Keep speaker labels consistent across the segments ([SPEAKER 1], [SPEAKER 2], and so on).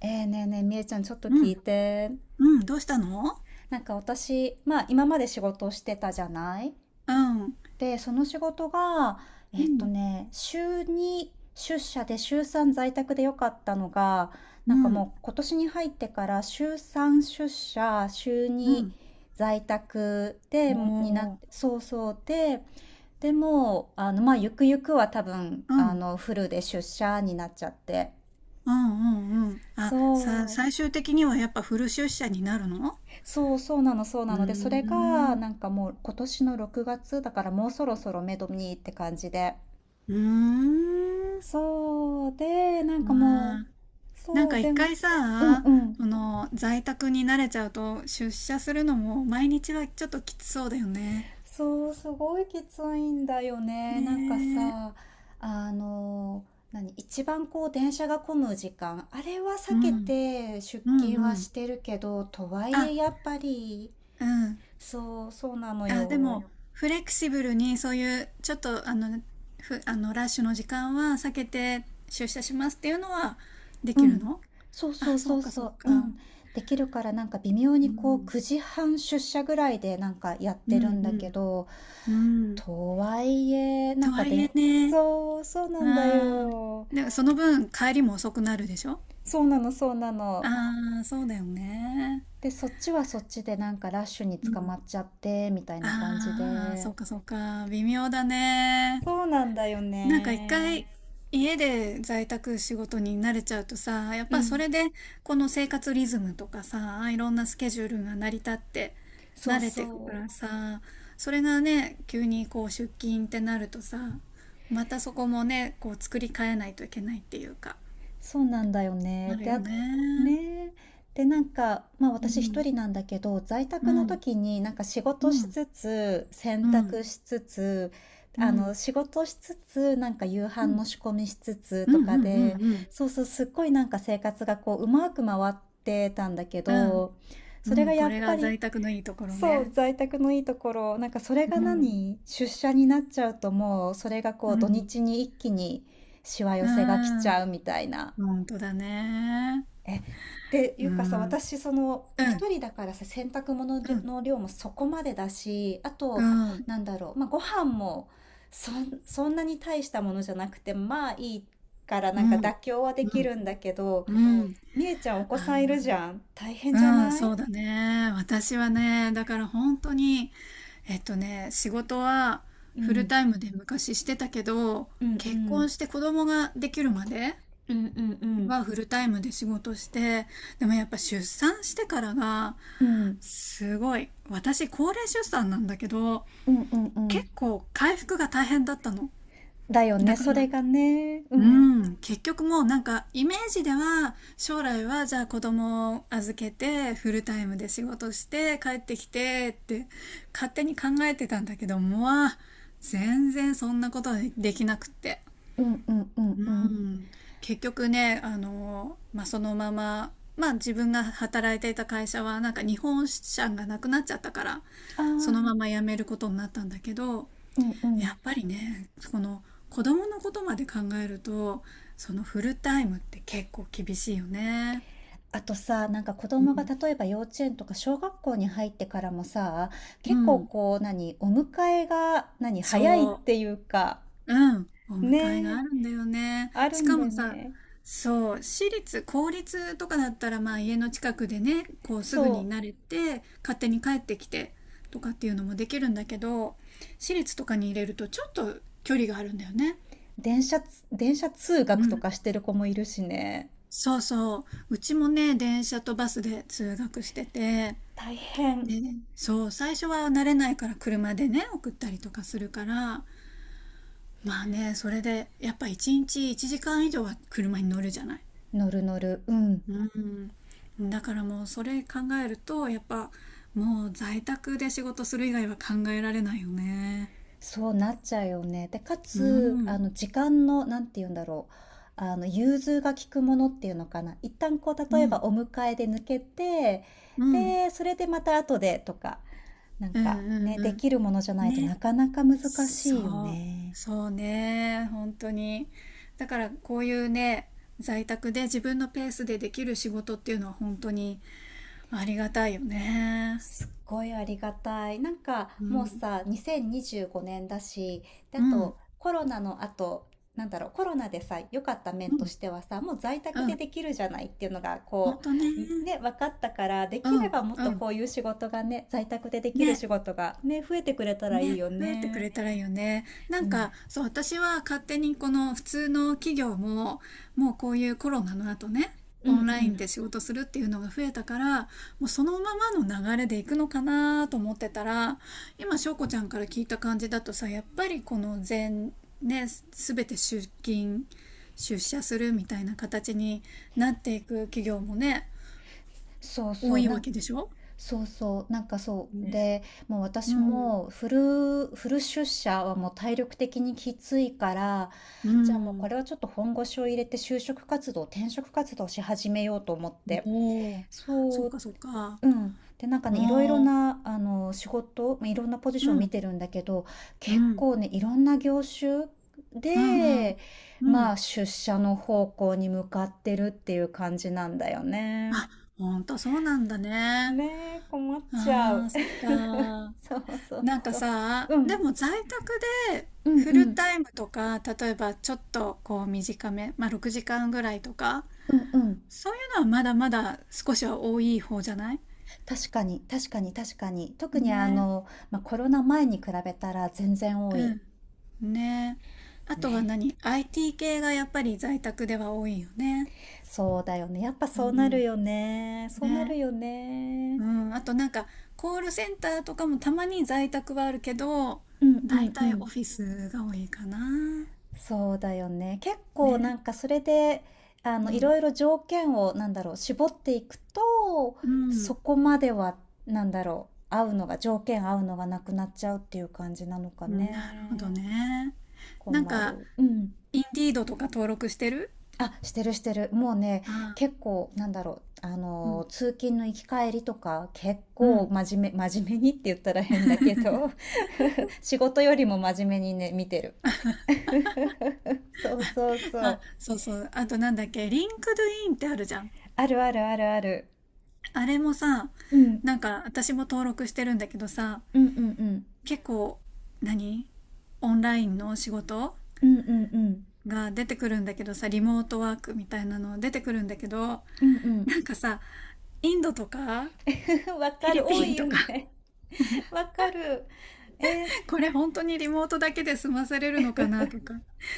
[SPEAKER 1] ええ、ねえねえ、みえちゃん、ちょっと
[SPEAKER 2] う
[SPEAKER 1] 聞い
[SPEAKER 2] ん、
[SPEAKER 1] て。
[SPEAKER 2] うん、どうしたの？
[SPEAKER 1] なんか私、まあ今まで仕事をしてたじゃない
[SPEAKER 2] うん、
[SPEAKER 1] で、その仕事が、
[SPEAKER 2] うん、
[SPEAKER 1] 週2出社で週3在宅でよかったのが、
[SPEAKER 2] う
[SPEAKER 1] なんか
[SPEAKER 2] ん、
[SPEAKER 1] もう今年に入ってから週3出社、週
[SPEAKER 2] う
[SPEAKER 1] 2
[SPEAKER 2] ん。
[SPEAKER 1] 在宅で、になっ
[SPEAKER 2] お
[SPEAKER 1] て、
[SPEAKER 2] ー、
[SPEAKER 1] でも、まあゆくゆくは多分、
[SPEAKER 2] うん、うん、
[SPEAKER 1] フルで出社になっちゃって。
[SPEAKER 2] うん、うん。
[SPEAKER 1] そう。
[SPEAKER 2] 最終的にはやっぱフル出社になるの？
[SPEAKER 1] そうなのそう
[SPEAKER 2] う
[SPEAKER 1] なの。で、そ
[SPEAKER 2] ー
[SPEAKER 1] れが
[SPEAKER 2] ん、
[SPEAKER 1] なんかもう今年の6月だからもうそろそろ目処にって感じで。
[SPEAKER 2] うーん。
[SPEAKER 1] そう、で、なんかも
[SPEAKER 2] ま
[SPEAKER 1] う、
[SPEAKER 2] あ、なん
[SPEAKER 1] そう、
[SPEAKER 2] か
[SPEAKER 1] で、
[SPEAKER 2] 一
[SPEAKER 1] うん
[SPEAKER 2] 回
[SPEAKER 1] う
[SPEAKER 2] さ、
[SPEAKER 1] ん。
[SPEAKER 2] この在宅に慣れちゃうと出社するのも毎日はちょっときつそうだよね。
[SPEAKER 1] そう、すごいきついんだよね。なんか
[SPEAKER 2] ねえ、
[SPEAKER 1] さ、あの、何、一番こう電車が混む時間、あれは避
[SPEAKER 2] う
[SPEAKER 1] け
[SPEAKER 2] ん、
[SPEAKER 1] て出
[SPEAKER 2] うん、
[SPEAKER 1] 勤
[SPEAKER 2] う
[SPEAKER 1] はし
[SPEAKER 2] ん。
[SPEAKER 1] てるけど、とはい
[SPEAKER 2] あ、
[SPEAKER 1] えやっぱり、
[SPEAKER 2] うん。
[SPEAKER 1] そう、そうなの
[SPEAKER 2] あ、で
[SPEAKER 1] よ。
[SPEAKER 2] も、フレキシブルにそういう、ちょっと、あの、あの、ラッシュの時間は避けて出社しますっていうのはで
[SPEAKER 1] う
[SPEAKER 2] きる
[SPEAKER 1] ん。
[SPEAKER 2] の？
[SPEAKER 1] そうそ
[SPEAKER 2] あ、
[SPEAKER 1] う
[SPEAKER 2] そ
[SPEAKER 1] そ
[SPEAKER 2] う
[SPEAKER 1] う
[SPEAKER 2] か、そ
[SPEAKER 1] そ
[SPEAKER 2] う
[SPEAKER 1] う。う
[SPEAKER 2] か。
[SPEAKER 1] ん。できるから、なんか微妙
[SPEAKER 2] う
[SPEAKER 1] にこう
[SPEAKER 2] ん。
[SPEAKER 1] 9時半出社ぐらいでなんかやっ
[SPEAKER 2] う
[SPEAKER 1] て
[SPEAKER 2] ん、
[SPEAKER 1] る
[SPEAKER 2] う
[SPEAKER 1] んだけ
[SPEAKER 2] ん、
[SPEAKER 1] ど、
[SPEAKER 2] うん。
[SPEAKER 1] とはいえ、な
[SPEAKER 2] と
[SPEAKER 1] んか
[SPEAKER 2] はいえ
[SPEAKER 1] で、
[SPEAKER 2] ね、
[SPEAKER 1] そう、そう
[SPEAKER 2] う
[SPEAKER 1] なんだ
[SPEAKER 2] ん。
[SPEAKER 1] よ。
[SPEAKER 2] でも、その分、帰りも遅くなるでしょ？
[SPEAKER 1] そうなの、そうなの。
[SPEAKER 2] ああー、そうだよね。
[SPEAKER 1] で、そっちはそっちでなんかラッシュに
[SPEAKER 2] う
[SPEAKER 1] 捕
[SPEAKER 2] ん。
[SPEAKER 1] まっちゃって、みたいな感じ
[SPEAKER 2] ああ、そ
[SPEAKER 1] で。
[SPEAKER 2] うか、そうか。微妙だね。
[SPEAKER 1] そうなんだよ
[SPEAKER 2] なんか一
[SPEAKER 1] ね。
[SPEAKER 2] 回家で在宅仕事に慣れちゃうとさ、やっ
[SPEAKER 1] う
[SPEAKER 2] ぱそ
[SPEAKER 1] ん。
[SPEAKER 2] れでこの生活リズムとかさ、いろんなスケジュールが成り立って
[SPEAKER 1] そう
[SPEAKER 2] 慣れてくか
[SPEAKER 1] そ
[SPEAKER 2] ら
[SPEAKER 1] う。
[SPEAKER 2] さ、それがね、急にこう出勤ってなるとさ、またそこもね、こう作り変えないといけないっていうか、
[SPEAKER 1] そうなんだよ
[SPEAKER 2] あ
[SPEAKER 1] ね。
[SPEAKER 2] るよね。
[SPEAKER 1] ねえ。で、なんか、まあ
[SPEAKER 2] う
[SPEAKER 1] 私一
[SPEAKER 2] ん、
[SPEAKER 1] 人なんだけど、在
[SPEAKER 2] う
[SPEAKER 1] 宅の
[SPEAKER 2] ん、
[SPEAKER 1] 時になんか仕
[SPEAKER 2] う
[SPEAKER 1] 事し
[SPEAKER 2] ん、
[SPEAKER 1] つつ、洗
[SPEAKER 2] うん、
[SPEAKER 1] 濯しつつ、
[SPEAKER 2] うん、うん、
[SPEAKER 1] 仕事しつつ、なんか夕
[SPEAKER 2] う
[SPEAKER 1] 飯
[SPEAKER 2] ん、
[SPEAKER 1] の仕込みしつつ
[SPEAKER 2] うん、
[SPEAKER 1] と
[SPEAKER 2] うん、
[SPEAKER 1] かで、
[SPEAKER 2] うん、
[SPEAKER 1] そうそう、すっごいなんか生活がこう、うまく回ってたんだけ
[SPEAKER 2] うん、
[SPEAKER 1] ど、そ
[SPEAKER 2] う
[SPEAKER 1] れが
[SPEAKER 2] ん
[SPEAKER 1] や
[SPEAKER 2] こ
[SPEAKER 1] っ
[SPEAKER 2] れ
[SPEAKER 1] ぱ
[SPEAKER 2] が
[SPEAKER 1] り、
[SPEAKER 2] 在宅のいいところ
[SPEAKER 1] そう、
[SPEAKER 2] ね。
[SPEAKER 1] 在宅のいいところ、なんかそれが
[SPEAKER 2] うん、
[SPEAKER 1] 何出社になっちゃうともう、それがこ
[SPEAKER 2] う
[SPEAKER 1] う、土
[SPEAKER 2] ん、
[SPEAKER 1] 日に一気にしわ寄
[SPEAKER 2] う
[SPEAKER 1] せが来ち
[SPEAKER 2] ん。
[SPEAKER 1] ゃうみたいな。
[SPEAKER 2] 本当だね。
[SPEAKER 1] ってい
[SPEAKER 2] うん。
[SPEAKER 1] うかさ、
[SPEAKER 2] うん。
[SPEAKER 1] 私、その、一人だからさ、洗濯物
[SPEAKER 2] うん。
[SPEAKER 1] の量もそこまでだし、あ
[SPEAKER 2] う
[SPEAKER 1] と、
[SPEAKER 2] ん。
[SPEAKER 1] なんだろう、まあ、ご飯もそんなに大したものじゃなくて、まあいいから、
[SPEAKER 2] う
[SPEAKER 1] なんか
[SPEAKER 2] ん。
[SPEAKER 1] 妥協はで
[SPEAKER 2] う
[SPEAKER 1] き
[SPEAKER 2] ん。
[SPEAKER 1] るんだけど、
[SPEAKER 2] うん。
[SPEAKER 1] みえちゃん、お子
[SPEAKER 2] あ、
[SPEAKER 1] さんいるじゃん。大
[SPEAKER 2] う
[SPEAKER 1] 変じゃ
[SPEAKER 2] ん、
[SPEAKER 1] ない？
[SPEAKER 2] そうだね。私はね、だから本当に、えっとね、仕事は
[SPEAKER 1] う
[SPEAKER 2] フル
[SPEAKER 1] ん、
[SPEAKER 2] タイムで昔してたけど、
[SPEAKER 1] うん、う
[SPEAKER 2] 結
[SPEAKER 1] ん、
[SPEAKER 2] 婚して子供ができるまで
[SPEAKER 1] うん、うん、うん、
[SPEAKER 2] はフルタイムで仕事して、でもやっぱ出産してからが、
[SPEAKER 1] うん、
[SPEAKER 2] すごい。私、高齢出産なんだけど、
[SPEAKER 1] うん、うん、うん
[SPEAKER 2] 結構回復が大変だったの。
[SPEAKER 1] だよ
[SPEAKER 2] だ
[SPEAKER 1] ね、
[SPEAKER 2] から、
[SPEAKER 1] それがね。う
[SPEAKER 2] う
[SPEAKER 1] ん、
[SPEAKER 2] ん、結局もうなんかイメージでは将来はじゃあ子供を預けてフルタイムで仕事して帰ってきてって勝手に考えてたんだけどもう全然そんなことはできなくって。
[SPEAKER 1] うん、うん、うん、う
[SPEAKER 2] う
[SPEAKER 1] ん。
[SPEAKER 2] ん、結局ね、あの、まあ、そのまま、まあ、自分が働いていた会社はなんか日本支社がなくなっちゃったから
[SPEAKER 1] ああ、
[SPEAKER 2] そのまま辞めることになったんだけど、
[SPEAKER 1] うん、う
[SPEAKER 2] や
[SPEAKER 1] ん。
[SPEAKER 2] っぱりねこの子供のことまで考えるとそのフルタイムって結構厳しいよね。
[SPEAKER 1] あとさ、なんか子
[SPEAKER 2] う
[SPEAKER 1] 供が
[SPEAKER 2] ん、
[SPEAKER 1] 例えば幼稚園とか小学校に入ってからもさ、
[SPEAKER 2] う
[SPEAKER 1] 結構
[SPEAKER 2] ん
[SPEAKER 1] こう、何、お迎えが、何、早いっ
[SPEAKER 2] そ
[SPEAKER 1] ていうか、
[SPEAKER 2] ううんお迎え
[SPEAKER 1] ね
[SPEAKER 2] が
[SPEAKER 1] え、
[SPEAKER 2] あるんだよね。
[SPEAKER 1] ある
[SPEAKER 2] し
[SPEAKER 1] ん
[SPEAKER 2] か
[SPEAKER 1] だ
[SPEAKER 2] も
[SPEAKER 1] よ
[SPEAKER 2] さ、
[SPEAKER 1] ね。
[SPEAKER 2] そう、私立公立とかだったらまあ家の近くでねこうすぐ
[SPEAKER 1] そ
[SPEAKER 2] に慣れて勝手に帰ってきてとかっていうのもできるんだけど、私立とかに入れるとちょっと距離があるんだよね。
[SPEAKER 1] 電車通
[SPEAKER 2] う
[SPEAKER 1] 学と
[SPEAKER 2] ん、
[SPEAKER 1] かしてる子もいるしね。
[SPEAKER 2] そうそう。うちもね、電車とバスで通学してて、
[SPEAKER 1] 大変。
[SPEAKER 2] ね、そう、最初は慣れないから車でね、送ったりとかするから、まあね、それで、やっぱ一日1時間以上は車に乗るじゃない。
[SPEAKER 1] 乗る乗る。うん。
[SPEAKER 2] うん。だからもうそれ考えると、やっぱもう在宅で仕事する以外は考えられないよね。
[SPEAKER 1] そうなっちゃうよね。で、か
[SPEAKER 2] うん、う
[SPEAKER 1] つ、
[SPEAKER 2] ん、
[SPEAKER 1] 時間の、なんて言うんだろう。融通が利くものっていうのかな。一旦こう、
[SPEAKER 2] う
[SPEAKER 1] 例えば
[SPEAKER 2] ん、
[SPEAKER 1] お迎えで抜けて、
[SPEAKER 2] うん、
[SPEAKER 1] で、それでまた後でとか、なん
[SPEAKER 2] うん、う
[SPEAKER 1] かね、できるものじゃな
[SPEAKER 2] ん。
[SPEAKER 1] いと
[SPEAKER 2] ね、
[SPEAKER 1] なかなか難しいよ
[SPEAKER 2] そう、
[SPEAKER 1] ね。
[SPEAKER 2] そうね、本当に。だからこういうね、在宅で自分のペースでできる仕事っていうのは本当にありがたいよね。
[SPEAKER 1] すっごいありがたい。なんか
[SPEAKER 2] う
[SPEAKER 1] もう
[SPEAKER 2] ん。
[SPEAKER 1] さ、2025年だし、で、あ
[SPEAKER 2] うん、うん、
[SPEAKER 1] とコロナの後、なんだろう、コロナでさ、良かった面としてはさ、もう在
[SPEAKER 2] う
[SPEAKER 1] 宅で
[SPEAKER 2] ん、
[SPEAKER 1] できるじゃないっていうのが、
[SPEAKER 2] ほん
[SPEAKER 1] こ
[SPEAKER 2] とね。
[SPEAKER 1] う、ね、分かったから、で
[SPEAKER 2] う
[SPEAKER 1] きれ
[SPEAKER 2] ん、
[SPEAKER 1] ばもっ
[SPEAKER 2] う
[SPEAKER 1] と
[SPEAKER 2] ん。
[SPEAKER 1] こういう仕事がね、在宅でできる
[SPEAKER 2] ね、
[SPEAKER 1] 仕事がね、増えてくれたらいい
[SPEAKER 2] ね、
[SPEAKER 1] よ
[SPEAKER 2] 増えてく
[SPEAKER 1] ね。
[SPEAKER 2] れたらいいよね。な
[SPEAKER 1] う
[SPEAKER 2] ん
[SPEAKER 1] ん。
[SPEAKER 2] か、そう、私は勝手にこの普通の企業も、もうこういうコロナの後ね、
[SPEAKER 1] う
[SPEAKER 2] オ
[SPEAKER 1] ん
[SPEAKER 2] ン
[SPEAKER 1] う
[SPEAKER 2] ライン
[SPEAKER 1] ん。
[SPEAKER 2] で仕事するっていうのが増えたから、もうそのままの流れでいくのかなと思ってたら、今、翔子ちゃんから聞いた感じだとさ、やっぱりこの全、ね、すべて出勤、出社するみたいな形になっていく企業もね、
[SPEAKER 1] そう
[SPEAKER 2] 多
[SPEAKER 1] そう。
[SPEAKER 2] いわけでしょ？
[SPEAKER 1] なんかそう。
[SPEAKER 2] ね、
[SPEAKER 1] で、もう
[SPEAKER 2] う
[SPEAKER 1] 私
[SPEAKER 2] ん。
[SPEAKER 1] もフル、フル出社はもう体力的にきついから、
[SPEAKER 2] う
[SPEAKER 1] じゃあもうこ
[SPEAKER 2] ん。
[SPEAKER 1] れはちょっと本腰を入れて就職活動、転職活動し始めようと思って。
[SPEAKER 2] おお、そ
[SPEAKER 1] そ
[SPEAKER 2] っ
[SPEAKER 1] う、
[SPEAKER 2] かそっか。
[SPEAKER 1] うん。で、なんかね、いろいろ
[SPEAKER 2] おお、
[SPEAKER 1] な、まあいろんなポジシ
[SPEAKER 2] う
[SPEAKER 1] ョン見
[SPEAKER 2] ん、
[SPEAKER 1] てるんだけど、
[SPEAKER 2] う
[SPEAKER 1] 結
[SPEAKER 2] ん、
[SPEAKER 1] 構ね、いろんな業種
[SPEAKER 2] うん、うん、
[SPEAKER 1] で、
[SPEAKER 2] う
[SPEAKER 1] ま
[SPEAKER 2] ん。
[SPEAKER 1] あ出社の方向に向かってるっていう感じなんだよね。
[SPEAKER 2] あ、ほんとそうなんだね。
[SPEAKER 1] ねえ、困っちゃ
[SPEAKER 2] あ
[SPEAKER 1] う。
[SPEAKER 2] あ、そっか。
[SPEAKER 1] そうそう
[SPEAKER 2] なんか
[SPEAKER 1] そう。
[SPEAKER 2] さ、
[SPEAKER 1] う
[SPEAKER 2] で
[SPEAKER 1] ん、
[SPEAKER 2] も在宅で
[SPEAKER 1] うん
[SPEAKER 2] フ
[SPEAKER 1] う
[SPEAKER 2] ル
[SPEAKER 1] ん。
[SPEAKER 2] タイムとか、例えばちょっとこう短め、まあ6時間ぐらいとか、
[SPEAKER 1] うんうん。
[SPEAKER 2] そういうのはまだまだ少しは多い方じゃない？
[SPEAKER 1] 確かに、確かに、確かに。特に
[SPEAKER 2] ね。
[SPEAKER 1] まあ、コロナ前に比べたら全然多い。
[SPEAKER 2] うん、ね。あとは
[SPEAKER 1] ね。
[SPEAKER 2] 何？ IT 系がやっぱり在宅では多いよね。
[SPEAKER 1] そうだよね。やっぱ
[SPEAKER 2] う
[SPEAKER 1] そうなる
[SPEAKER 2] ん、
[SPEAKER 1] よね。そうな
[SPEAKER 2] ね。
[SPEAKER 1] るよね。
[SPEAKER 2] うん、あとなんかコールセンターとかもたまに在宅はあるけど
[SPEAKER 1] うんう
[SPEAKER 2] 大
[SPEAKER 1] んう
[SPEAKER 2] 体オ
[SPEAKER 1] ん。
[SPEAKER 2] フィスが多いかな。
[SPEAKER 1] そうだよね。結構な
[SPEAKER 2] ね、
[SPEAKER 1] んかそれで、
[SPEAKER 2] う
[SPEAKER 1] い
[SPEAKER 2] ん
[SPEAKER 1] ろいろ条件を、なんだろう、絞っていくと、
[SPEAKER 2] う
[SPEAKER 1] そ
[SPEAKER 2] ん
[SPEAKER 1] こまでは、なんだろう、合うのが、条件合うのがなくなっちゃうっていう感じなのか
[SPEAKER 2] うん、なるほど
[SPEAKER 1] ね。
[SPEAKER 2] ね。なん
[SPEAKER 1] 困
[SPEAKER 2] か
[SPEAKER 1] る。うん。
[SPEAKER 2] インディードとか登録してる？
[SPEAKER 1] あ、してるしてる。もうね、
[SPEAKER 2] ああ、
[SPEAKER 1] 結構、なんだろう、
[SPEAKER 2] うん
[SPEAKER 1] 通勤の行き帰りとか、結
[SPEAKER 2] う
[SPEAKER 1] 構
[SPEAKER 2] ん。
[SPEAKER 1] 真面目にって言ったら変だけど 仕事よりも真面目にね、見てる。そうそうそ
[SPEAKER 2] あ、
[SPEAKER 1] う。
[SPEAKER 2] そうそう、あとなんだっけ、リンクドインってあるじゃん。
[SPEAKER 1] あるあるあるある。
[SPEAKER 2] あれもさ、
[SPEAKER 1] うん。
[SPEAKER 2] なんか私も登録してるんだけどさ、
[SPEAKER 1] うんうんうん。
[SPEAKER 2] 結構何、オンラインの仕事
[SPEAKER 1] うんうんうん。
[SPEAKER 2] が出てくるんだけどさ、リモートワークみたいなの出てくるんだけど、
[SPEAKER 1] うんう
[SPEAKER 2] なんかさ、インドとか、フ
[SPEAKER 1] ん。わ
[SPEAKER 2] ィ
[SPEAKER 1] かる。
[SPEAKER 2] リ
[SPEAKER 1] 多
[SPEAKER 2] ピン
[SPEAKER 1] いよ
[SPEAKER 2] とか、
[SPEAKER 1] ね。わかる。え
[SPEAKER 2] これ本当にリモートだけで済まされるのかなとか、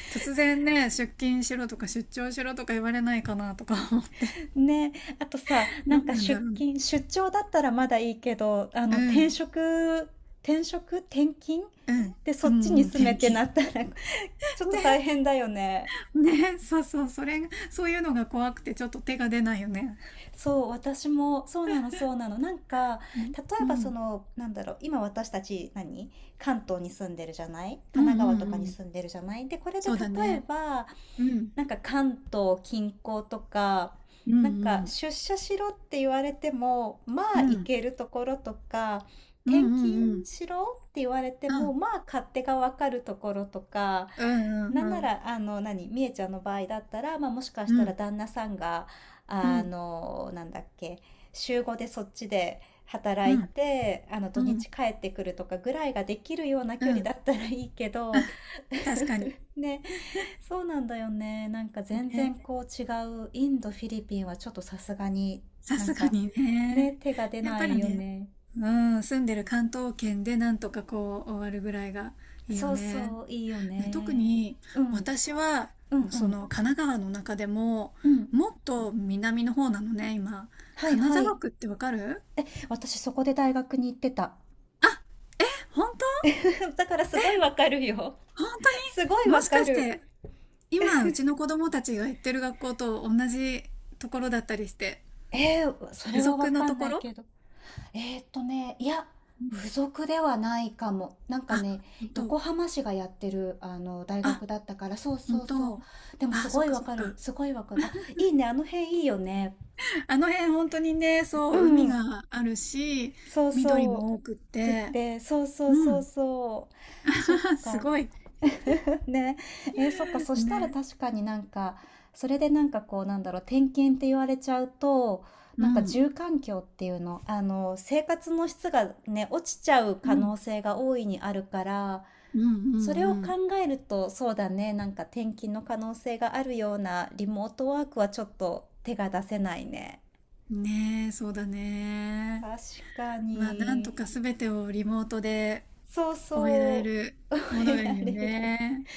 [SPEAKER 2] 突然ね、出勤しろとか出張しろとか言われないかなとか 思って、
[SPEAKER 1] ー、ね。あとさ、な
[SPEAKER 2] ど
[SPEAKER 1] ん
[SPEAKER 2] う
[SPEAKER 1] か
[SPEAKER 2] なんだ
[SPEAKER 1] 出
[SPEAKER 2] ろうな。
[SPEAKER 1] 勤、出張だったらまだいいけど、あ
[SPEAKER 2] う
[SPEAKER 1] の、転
[SPEAKER 2] ん、
[SPEAKER 1] 職、転職、転勤
[SPEAKER 2] うん、
[SPEAKER 1] で、
[SPEAKER 2] う
[SPEAKER 1] そっち
[SPEAKER 2] ん、
[SPEAKER 1] に
[SPEAKER 2] うん、
[SPEAKER 1] 住め
[SPEAKER 2] 天
[SPEAKER 1] ってな
[SPEAKER 2] 気。
[SPEAKER 1] ったら ちょっと大
[SPEAKER 2] ね、
[SPEAKER 1] 変だよね。
[SPEAKER 2] ね、そうそう、それが、そういうのが怖くてちょっと手が出ないよね。
[SPEAKER 1] そう、私も、そうなの、そうなの。なんか、
[SPEAKER 2] うん、
[SPEAKER 1] 例え
[SPEAKER 2] う
[SPEAKER 1] ばそ
[SPEAKER 2] ん、
[SPEAKER 1] の、なんだろう、今私たち何、関東に住んでるじゃない
[SPEAKER 2] う
[SPEAKER 1] 神
[SPEAKER 2] ん、う
[SPEAKER 1] 奈
[SPEAKER 2] ん、
[SPEAKER 1] 川と
[SPEAKER 2] う
[SPEAKER 1] かに
[SPEAKER 2] ん
[SPEAKER 1] 住んでるじゃないで、これで
[SPEAKER 2] そ
[SPEAKER 1] 例
[SPEAKER 2] うだ
[SPEAKER 1] え
[SPEAKER 2] ね。
[SPEAKER 1] ば、
[SPEAKER 2] うん、
[SPEAKER 1] なんか関東近郊とか、
[SPEAKER 2] うん、う
[SPEAKER 1] なんか
[SPEAKER 2] ん、
[SPEAKER 1] 出社しろって言われても、ま
[SPEAKER 2] う
[SPEAKER 1] あ行
[SPEAKER 2] ん、
[SPEAKER 1] けるところとか、
[SPEAKER 2] うん、うん、
[SPEAKER 1] 転
[SPEAKER 2] う
[SPEAKER 1] 勤
[SPEAKER 2] ん。
[SPEAKER 1] しろって言われて
[SPEAKER 2] う
[SPEAKER 1] も、
[SPEAKER 2] ん
[SPEAKER 1] まあ勝手がわかるところとか、
[SPEAKER 2] うん
[SPEAKER 1] な
[SPEAKER 2] うん
[SPEAKER 1] ん
[SPEAKER 2] う
[SPEAKER 1] な
[SPEAKER 2] ん。
[SPEAKER 1] ら、みえちゃんの場合だったら、まあもしかし
[SPEAKER 2] う
[SPEAKER 1] たら
[SPEAKER 2] ん。
[SPEAKER 1] 旦那さんが、
[SPEAKER 2] う
[SPEAKER 1] あ
[SPEAKER 2] ん。
[SPEAKER 1] の、なんだっけ、週5でそっちで働い
[SPEAKER 2] う
[SPEAKER 1] て、あの土
[SPEAKER 2] ん。
[SPEAKER 1] 日帰ってくるとかぐらいができるような
[SPEAKER 2] う
[SPEAKER 1] 距離
[SPEAKER 2] ん。
[SPEAKER 1] だったらいいけど、
[SPEAKER 2] 確かに。
[SPEAKER 1] ね、そうなんだよね。なんか全然
[SPEAKER 2] ね。
[SPEAKER 1] こう違う。インド、フィリピンはちょっとさすがに
[SPEAKER 2] さ
[SPEAKER 1] なん
[SPEAKER 2] すが
[SPEAKER 1] か
[SPEAKER 2] に
[SPEAKER 1] ね、
[SPEAKER 2] ね。
[SPEAKER 1] 手が出
[SPEAKER 2] やっ
[SPEAKER 1] な
[SPEAKER 2] ぱ
[SPEAKER 1] い
[SPEAKER 2] り
[SPEAKER 1] よ
[SPEAKER 2] ね、
[SPEAKER 1] ね。
[SPEAKER 2] うん、住んでる関東圏でなんとかこう終わるぐらいがいいよ
[SPEAKER 1] そう
[SPEAKER 2] ね。
[SPEAKER 1] そう、いいよ
[SPEAKER 2] ね、特
[SPEAKER 1] ね。
[SPEAKER 2] に
[SPEAKER 1] うん、うん、
[SPEAKER 2] 私は、
[SPEAKER 1] う
[SPEAKER 2] そ
[SPEAKER 1] ん、
[SPEAKER 2] の神奈川の中でも、
[SPEAKER 1] うん。
[SPEAKER 2] もっと南の方なのね、今。
[SPEAKER 1] はい
[SPEAKER 2] 金
[SPEAKER 1] はい。
[SPEAKER 2] 沢区ってわかる？
[SPEAKER 1] 私そこで大学に行ってた。
[SPEAKER 2] あ、本当？
[SPEAKER 1] だからすごいわかるよ。
[SPEAKER 2] 本当
[SPEAKER 1] すごい
[SPEAKER 2] にも
[SPEAKER 1] わ
[SPEAKER 2] し
[SPEAKER 1] か
[SPEAKER 2] かし
[SPEAKER 1] る。
[SPEAKER 2] て、今、うちの子供たちが行ってる学校と同じところだったりして。
[SPEAKER 1] えー、そ
[SPEAKER 2] 付
[SPEAKER 1] れは
[SPEAKER 2] 属
[SPEAKER 1] わ
[SPEAKER 2] の
[SPEAKER 1] か
[SPEAKER 2] と
[SPEAKER 1] んな
[SPEAKER 2] こ
[SPEAKER 1] い
[SPEAKER 2] ろ。
[SPEAKER 1] けど。いや、
[SPEAKER 2] うん、
[SPEAKER 1] 付属ではないかも。なんか
[SPEAKER 2] あ、
[SPEAKER 1] ね、
[SPEAKER 2] 本当？
[SPEAKER 1] 横浜市がやってる、大
[SPEAKER 2] あ、
[SPEAKER 1] 学だったから、そう
[SPEAKER 2] 本
[SPEAKER 1] そうそ
[SPEAKER 2] 当？
[SPEAKER 1] う。でもす
[SPEAKER 2] あ、そ
[SPEAKER 1] ご
[SPEAKER 2] っ
[SPEAKER 1] い
[SPEAKER 2] か
[SPEAKER 1] わ
[SPEAKER 2] そっ
[SPEAKER 1] かる、
[SPEAKER 2] か。
[SPEAKER 1] すごいわかる。あ、いいね、あの辺いいよね。
[SPEAKER 2] あの辺本当にね、
[SPEAKER 1] う
[SPEAKER 2] そう、海
[SPEAKER 1] ん、
[SPEAKER 2] があるし、
[SPEAKER 1] そう
[SPEAKER 2] 緑
[SPEAKER 1] そ
[SPEAKER 2] も多くっ
[SPEAKER 1] う。くっ
[SPEAKER 2] て、
[SPEAKER 1] て、そうそう
[SPEAKER 2] う
[SPEAKER 1] そう
[SPEAKER 2] ん。
[SPEAKER 1] そう。そっ
[SPEAKER 2] す
[SPEAKER 1] か。
[SPEAKER 2] ごい。
[SPEAKER 1] ね、えーそっか、そしたら
[SPEAKER 2] ね。
[SPEAKER 1] 確かになんか、それでなんかこう、なんだろう、点検って言われちゃうと、
[SPEAKER 2] う
[SPEAKER 1] なんか
[SPEAKER 2] ん。
[SPEAKER 1] 住環境っていうの、生活の質がね、落ちちゃう
[SPEAKER 2] う
[SPEAKER 1] 可
[SPEAKER 2] ん。
[SPEAKER 1] 能性が大いにあるから、
[SPEAKER 2] うんう
[SPEAKER 1] それを考
[SPEAKER 2] ん
[SPEAKER 1] えると、そうだね、なんか転勤の可能性があるようなリモートワークはちょっと手が出せないね。
[SPEAKER 2] うん。ねえ、そうだね。
[SPEAKER 1] 確か
[SPEAKER 2] まあ、なんと
[SPEAKER 1] に。
[SPEAKER 2] かすべてをリモートで
[SPEAKER 1] そう
[SPEAKER 2] 終えられ
[SPEAKER 1] そ
[SPEAKER 2] る
[SPEAKER 1] う。
[SPEAKER 2] も
[SPEAKER 1] 覚
[SPEAKER 2] の
[SPEAKER 1] え
[SPEAKER 2] が
[SPEAKER 1] ら
[SPEAKER 2] いいよ
[SPEAKER 1] れる。
[SPEAKER 2] ね。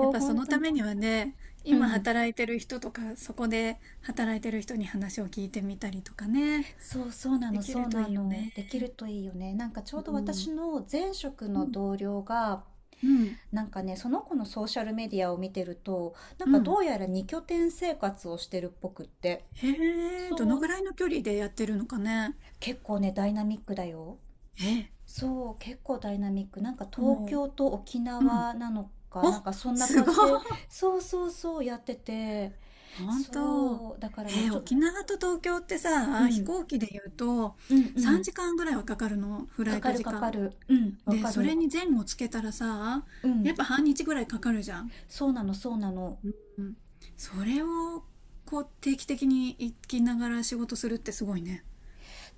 [SPEAKER 2] やっ
[SPEAKER 1] う、
[SPEAKER 2] ぱそ
[SPEAKER 1] 本
[SPEAKER 2] の
[SPEAKER 1] 当
[SPEAKER 2] た
[SPEAKER 1] に。
[SPEAKER 2] めにはね、
[SPEAKER 1] う
[SPEAKER 2] 今
[SPEAKER 1] ん。
[SPEAKER 2] 働いてる人とか、そこで働いてる人に話を聞いてみたりとかね、
[SPEAKER 1] そうそうな
[SPEAKER 2] で
[SPEAKER 1] の、
[SPEAKER 2] き
[SPEAKER 1] そ
[SPEAKER 2] る
[SPEAKER 1] う
[SPEAKER 2] と
[SPEAKER 1] な
[SPEAKER 2] いいよ
[SPEAKER 1] の。
[SPEAKER 2] ね。
[SPEAKER 1] できるといいよね。なんかちょうど
[SPEAKER 2] う
[SPEAKER 1] 私
[SPEAKER 2] ん。
[SPEAKER 1] の前職の同僚が、
[SPEAKER 2] うん。
[SPEAKER 1] なんかね、その子のソーシャルメディアを見てると、なん
[SPEAKER 2] う
[SPEAKER 1] かど
[SPEAKER 2] ん。
[SPEAKER 1] うやら二拠点生活をしてるっぽくって。
[SPEAKER 2] へえ、ど
[SPEAKER 1] そ
[SPEAKER 2] のぐ
[SPEAKER 1] う、
[SPEAKER 2] らいの距離でやってるのかね。
[SPEAKER 1] 結構ね、ダイナミックだよ。
[SPEAKER 2] え、
[SPEAKER 1] そう、結構ダイナミック。なんか
[SPEAKER 2] お
[SPEAKER 1] 東
[SPEAKER 2] う、
[SPEAKER 1] 京と沖
[SPEAKER 2] うん。
[SPEAKER 1] 縄なのか、
[SPEAKER 2] お、
[SPEAKER 1] なんかそんな
[SPEAKER 2] す
[SPEAKER 1] 感
[SPEAKER 2] ごい。
[SPEAKER 1] じで、そうそうそうやってて、
[SPEAKER 2] 本当。
[SPEAKER 1] そう、だからね、
[SPEAKER 2] えー、
[SPEAKER 1] ちょ、
[SPEAKER 2] 沖縄と東京って
[SPEAKER 1] う
[SPEAKER 2] さ、飛
[SPEAKER 1] ん、
[SPEAKER 2] 行機で言うと
[SPEAKER 1] うんう
[SPEAKER 2] 3
[SPEAKER 1] ん、
[SPEAKER 2] 時間ぐらいはかかるの、フ
[SPEAKER 1] か
[SPEAKER 2] ライ
[SPEAKER 1] か
[SPEAKER 2] ト
[SPEAKER 1] る
[SPEAKER 2] 時
[SPEAKER 1] かか
[SPEAKER 2] 間。
[SPEAKER 1] る、うん、わ
[SPEAKER 2] で、
[SPEAKER 1] か
[SPEAKER 2] そ
[SPEAKER 1] る、
[SPEAKER 2] れに前後つけたらさ、
[SPEAKER 1] う
[SPEAKER 2] や
[SPEAKER 1] ん。
[SPEAKER 2] っぱ半日ぐらいかかるじゃん。
[SPEAKER 1] そうなの、そうなの。
[SPEAKER 2] うん、それをこう定期的に行きながら仕事するってすごいね。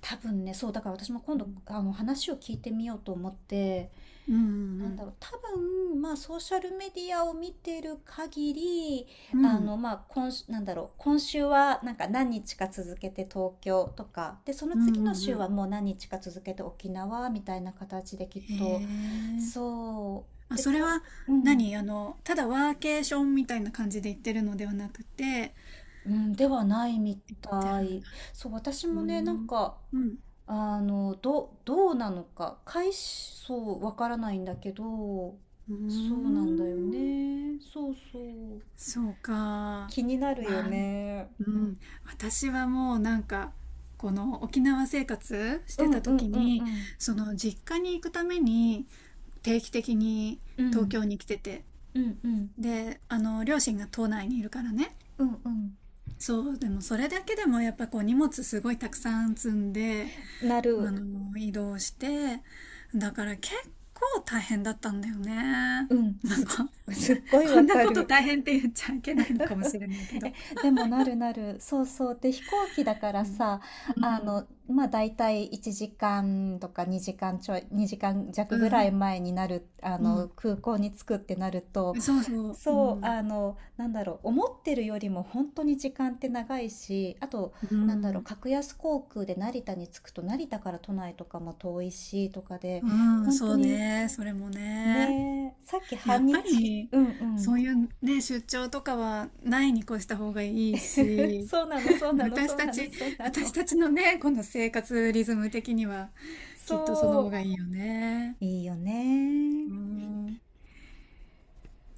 [SPEAKER 1] 多分ね、そう、だから私も今度、話を聞いてみようと思って、
[SPEAKER 2] うんう
[SPEAKER 1] なんだ
[SPEAKER 2] ん
[SPEAKER 1] ろう、多分、まあ、ソーシャルメディアを見てる限り、
[SPEAKER 2] うんうん
[SPEAKER 1] 今週は、なんか何日か続けて東京とか、で、その
[SPEAKER 2] うんう
[SPEAKER 1] 次の
[SPEAKER 2] んう
[SPEAKER 1] 週
[SPEAKER 2] ん、
[SPEAKER 1] はもう何日か続けて沖縄みたいな形できっ
[SPEAKER 2] へ
[SPEAKER 1] と、
[SPEAKER 2] え。
[SPEAKER 1] そう、
[SPEAKER 2] あ、
[SPEAKER 1] で、
[SPEAKER 2] それ
[SPEAKER 1] た、
[SPEAKER 2] は
[SPEAKER 1] うん、
[SPEAKER 2] 何、あのただワーケーションみたいな感じで行ってるのではなくて
[SPEAKER 1] うん、ではないみ
[SPEAKER 2] 行って
[SPEAKER 1] た
[SPEAKER 2] るん
[SPEAKER 1] い。
[SPEAKER 2] だ？
[SPEAKER 1] そう、私
[SPEAKER 2] うー
[SPEAKER 1] もね、なん
[SPEAKER 2] ん、
[SPEAKER 1] か、
[SPEAKER 2] うん、
[SPEAKER 1] どうなのか、回しそう、わからないんだけど、
[SPEAKER 2] うー
[SPEAKER 1] そうなんだよ
[SPEAKER 2] ん、
[SPEAKER 1] ね。そうそう。
[SPEAKER 2] そうか。
[SPEAKER 1] 気になるよ
[SPEAKER 2] まあ、
[SPEAKER 1] ね。
[SPEAKER 2] うん、私はもうなんかこの沖縄生活し
[SPEAKER 1] う
[SPEAKER 2] て
[SPEAKER 1] ん
[SPEAKER 2] た
[SPEAKER 1] うん
[SPEAKER 2] 時
[SPEAKER 1] うんう
[SPEAKER 2] に
[SPEAKER 1] ん。
[SPEAKER 2] その実家に行くために定期的に
[SPEAKER 1] う
[SPEAKER 2] 東
[SPEAKER 1] ん。
[SPEAKER 2] 京に来てて、
[SPEAKER 1] うんうん
[SPEAKER 2] であの両親が島内にいるからね、
[SPEAKER 1] うんう
[SPEAKER 2] そう、でもそれだけでもやっぱこう荷物すごいたくさん積んで
[SPEAKER 1] ん。な
[SPEAKER 2] あ
[SPEAKER 1] る。
[SPEAKER 2] の移動してだから結構大変だったんだよね。
[SPEAKER 1] うん。
[SPEAKER 2] まあ、
[SPEAKER 1] すっご い
[SPEAKER 2] こ
[SPEAKER 1] わ
[SPEAKER 2] んな
[SPEAKER 1] か
[SPEAKER 2] こと
[SPEAKER 1] る。
[SPEAKER 2] 大変って言っちゃいけないのかもしれないけど。
[SPEAKER 1] え、でもなるなる。そうそう。で、飛行機だから
[SPEAKER 2] うん。
[SPEAKER 1] さ、まあ大体1時間とか2時間ちょい、2時間弱
[SPEAKER 2] う
[SPEAKER 1] ぐら
[SPEAKER 2] ん。
[SPEAKER 1] い前になる、
[SPEAKER 2] う
[SPEAKER 1] 空港に着くってなると、
[SPEAKER 2] んそうそう。う
[SPEAKER 1] そう、
[SPEAKER 2] ん。
[SPEAKER 1] なんだろう、思ってるよりも本当に時間って長いし、あと、
[SPEAKER 2] う
[SPEAKER 1] なんだろう、
[SPEAKER 2] ん、
[SPEAKER 1] 格安航空で成田に着くと、成田から都内とかも遠いし、とかで、
[SPEAKER 2] うん、
[SPEAKER 1] 本当
[SPEAKER 2] そう
[SPEAKER 1] に、
[SPEAKER 2] ね、それもね。
[SPEAKER 1] ねえ、さっき
[SPEAKER 2] や
[SPEAKER 1] 半
[SPEAKER 2] っぱ
[SPEAKER 1] 日、
[SPEAKER 2] り、
[SPEAKER 1] うんう
[SPEAKER 2] そ
[SPEAKER 1] ん。
[SPEAKER 2] ういうね、出張とかはないに越した方がいい し、
[SPEAKER 1] そうなの、そう なの、
[SPEAKER 2] 私
[SPEAKER 1] そう
[SPEAKER 2] た
[SPEAKER 1] なの、
[SPEAKER 2] ち、
[SPEAKER 1] そうな
[SPEAKER 2] 私
[SPEAKER 1] の。
[SPEAKER 2] たちのね、この生活リズム的には、きっとその方
[SPEAKER 1] そ
[SPEAKER 2] がいいよね。
[SPEAKER 1] う、いいよね。
[SPEAKER 2] うん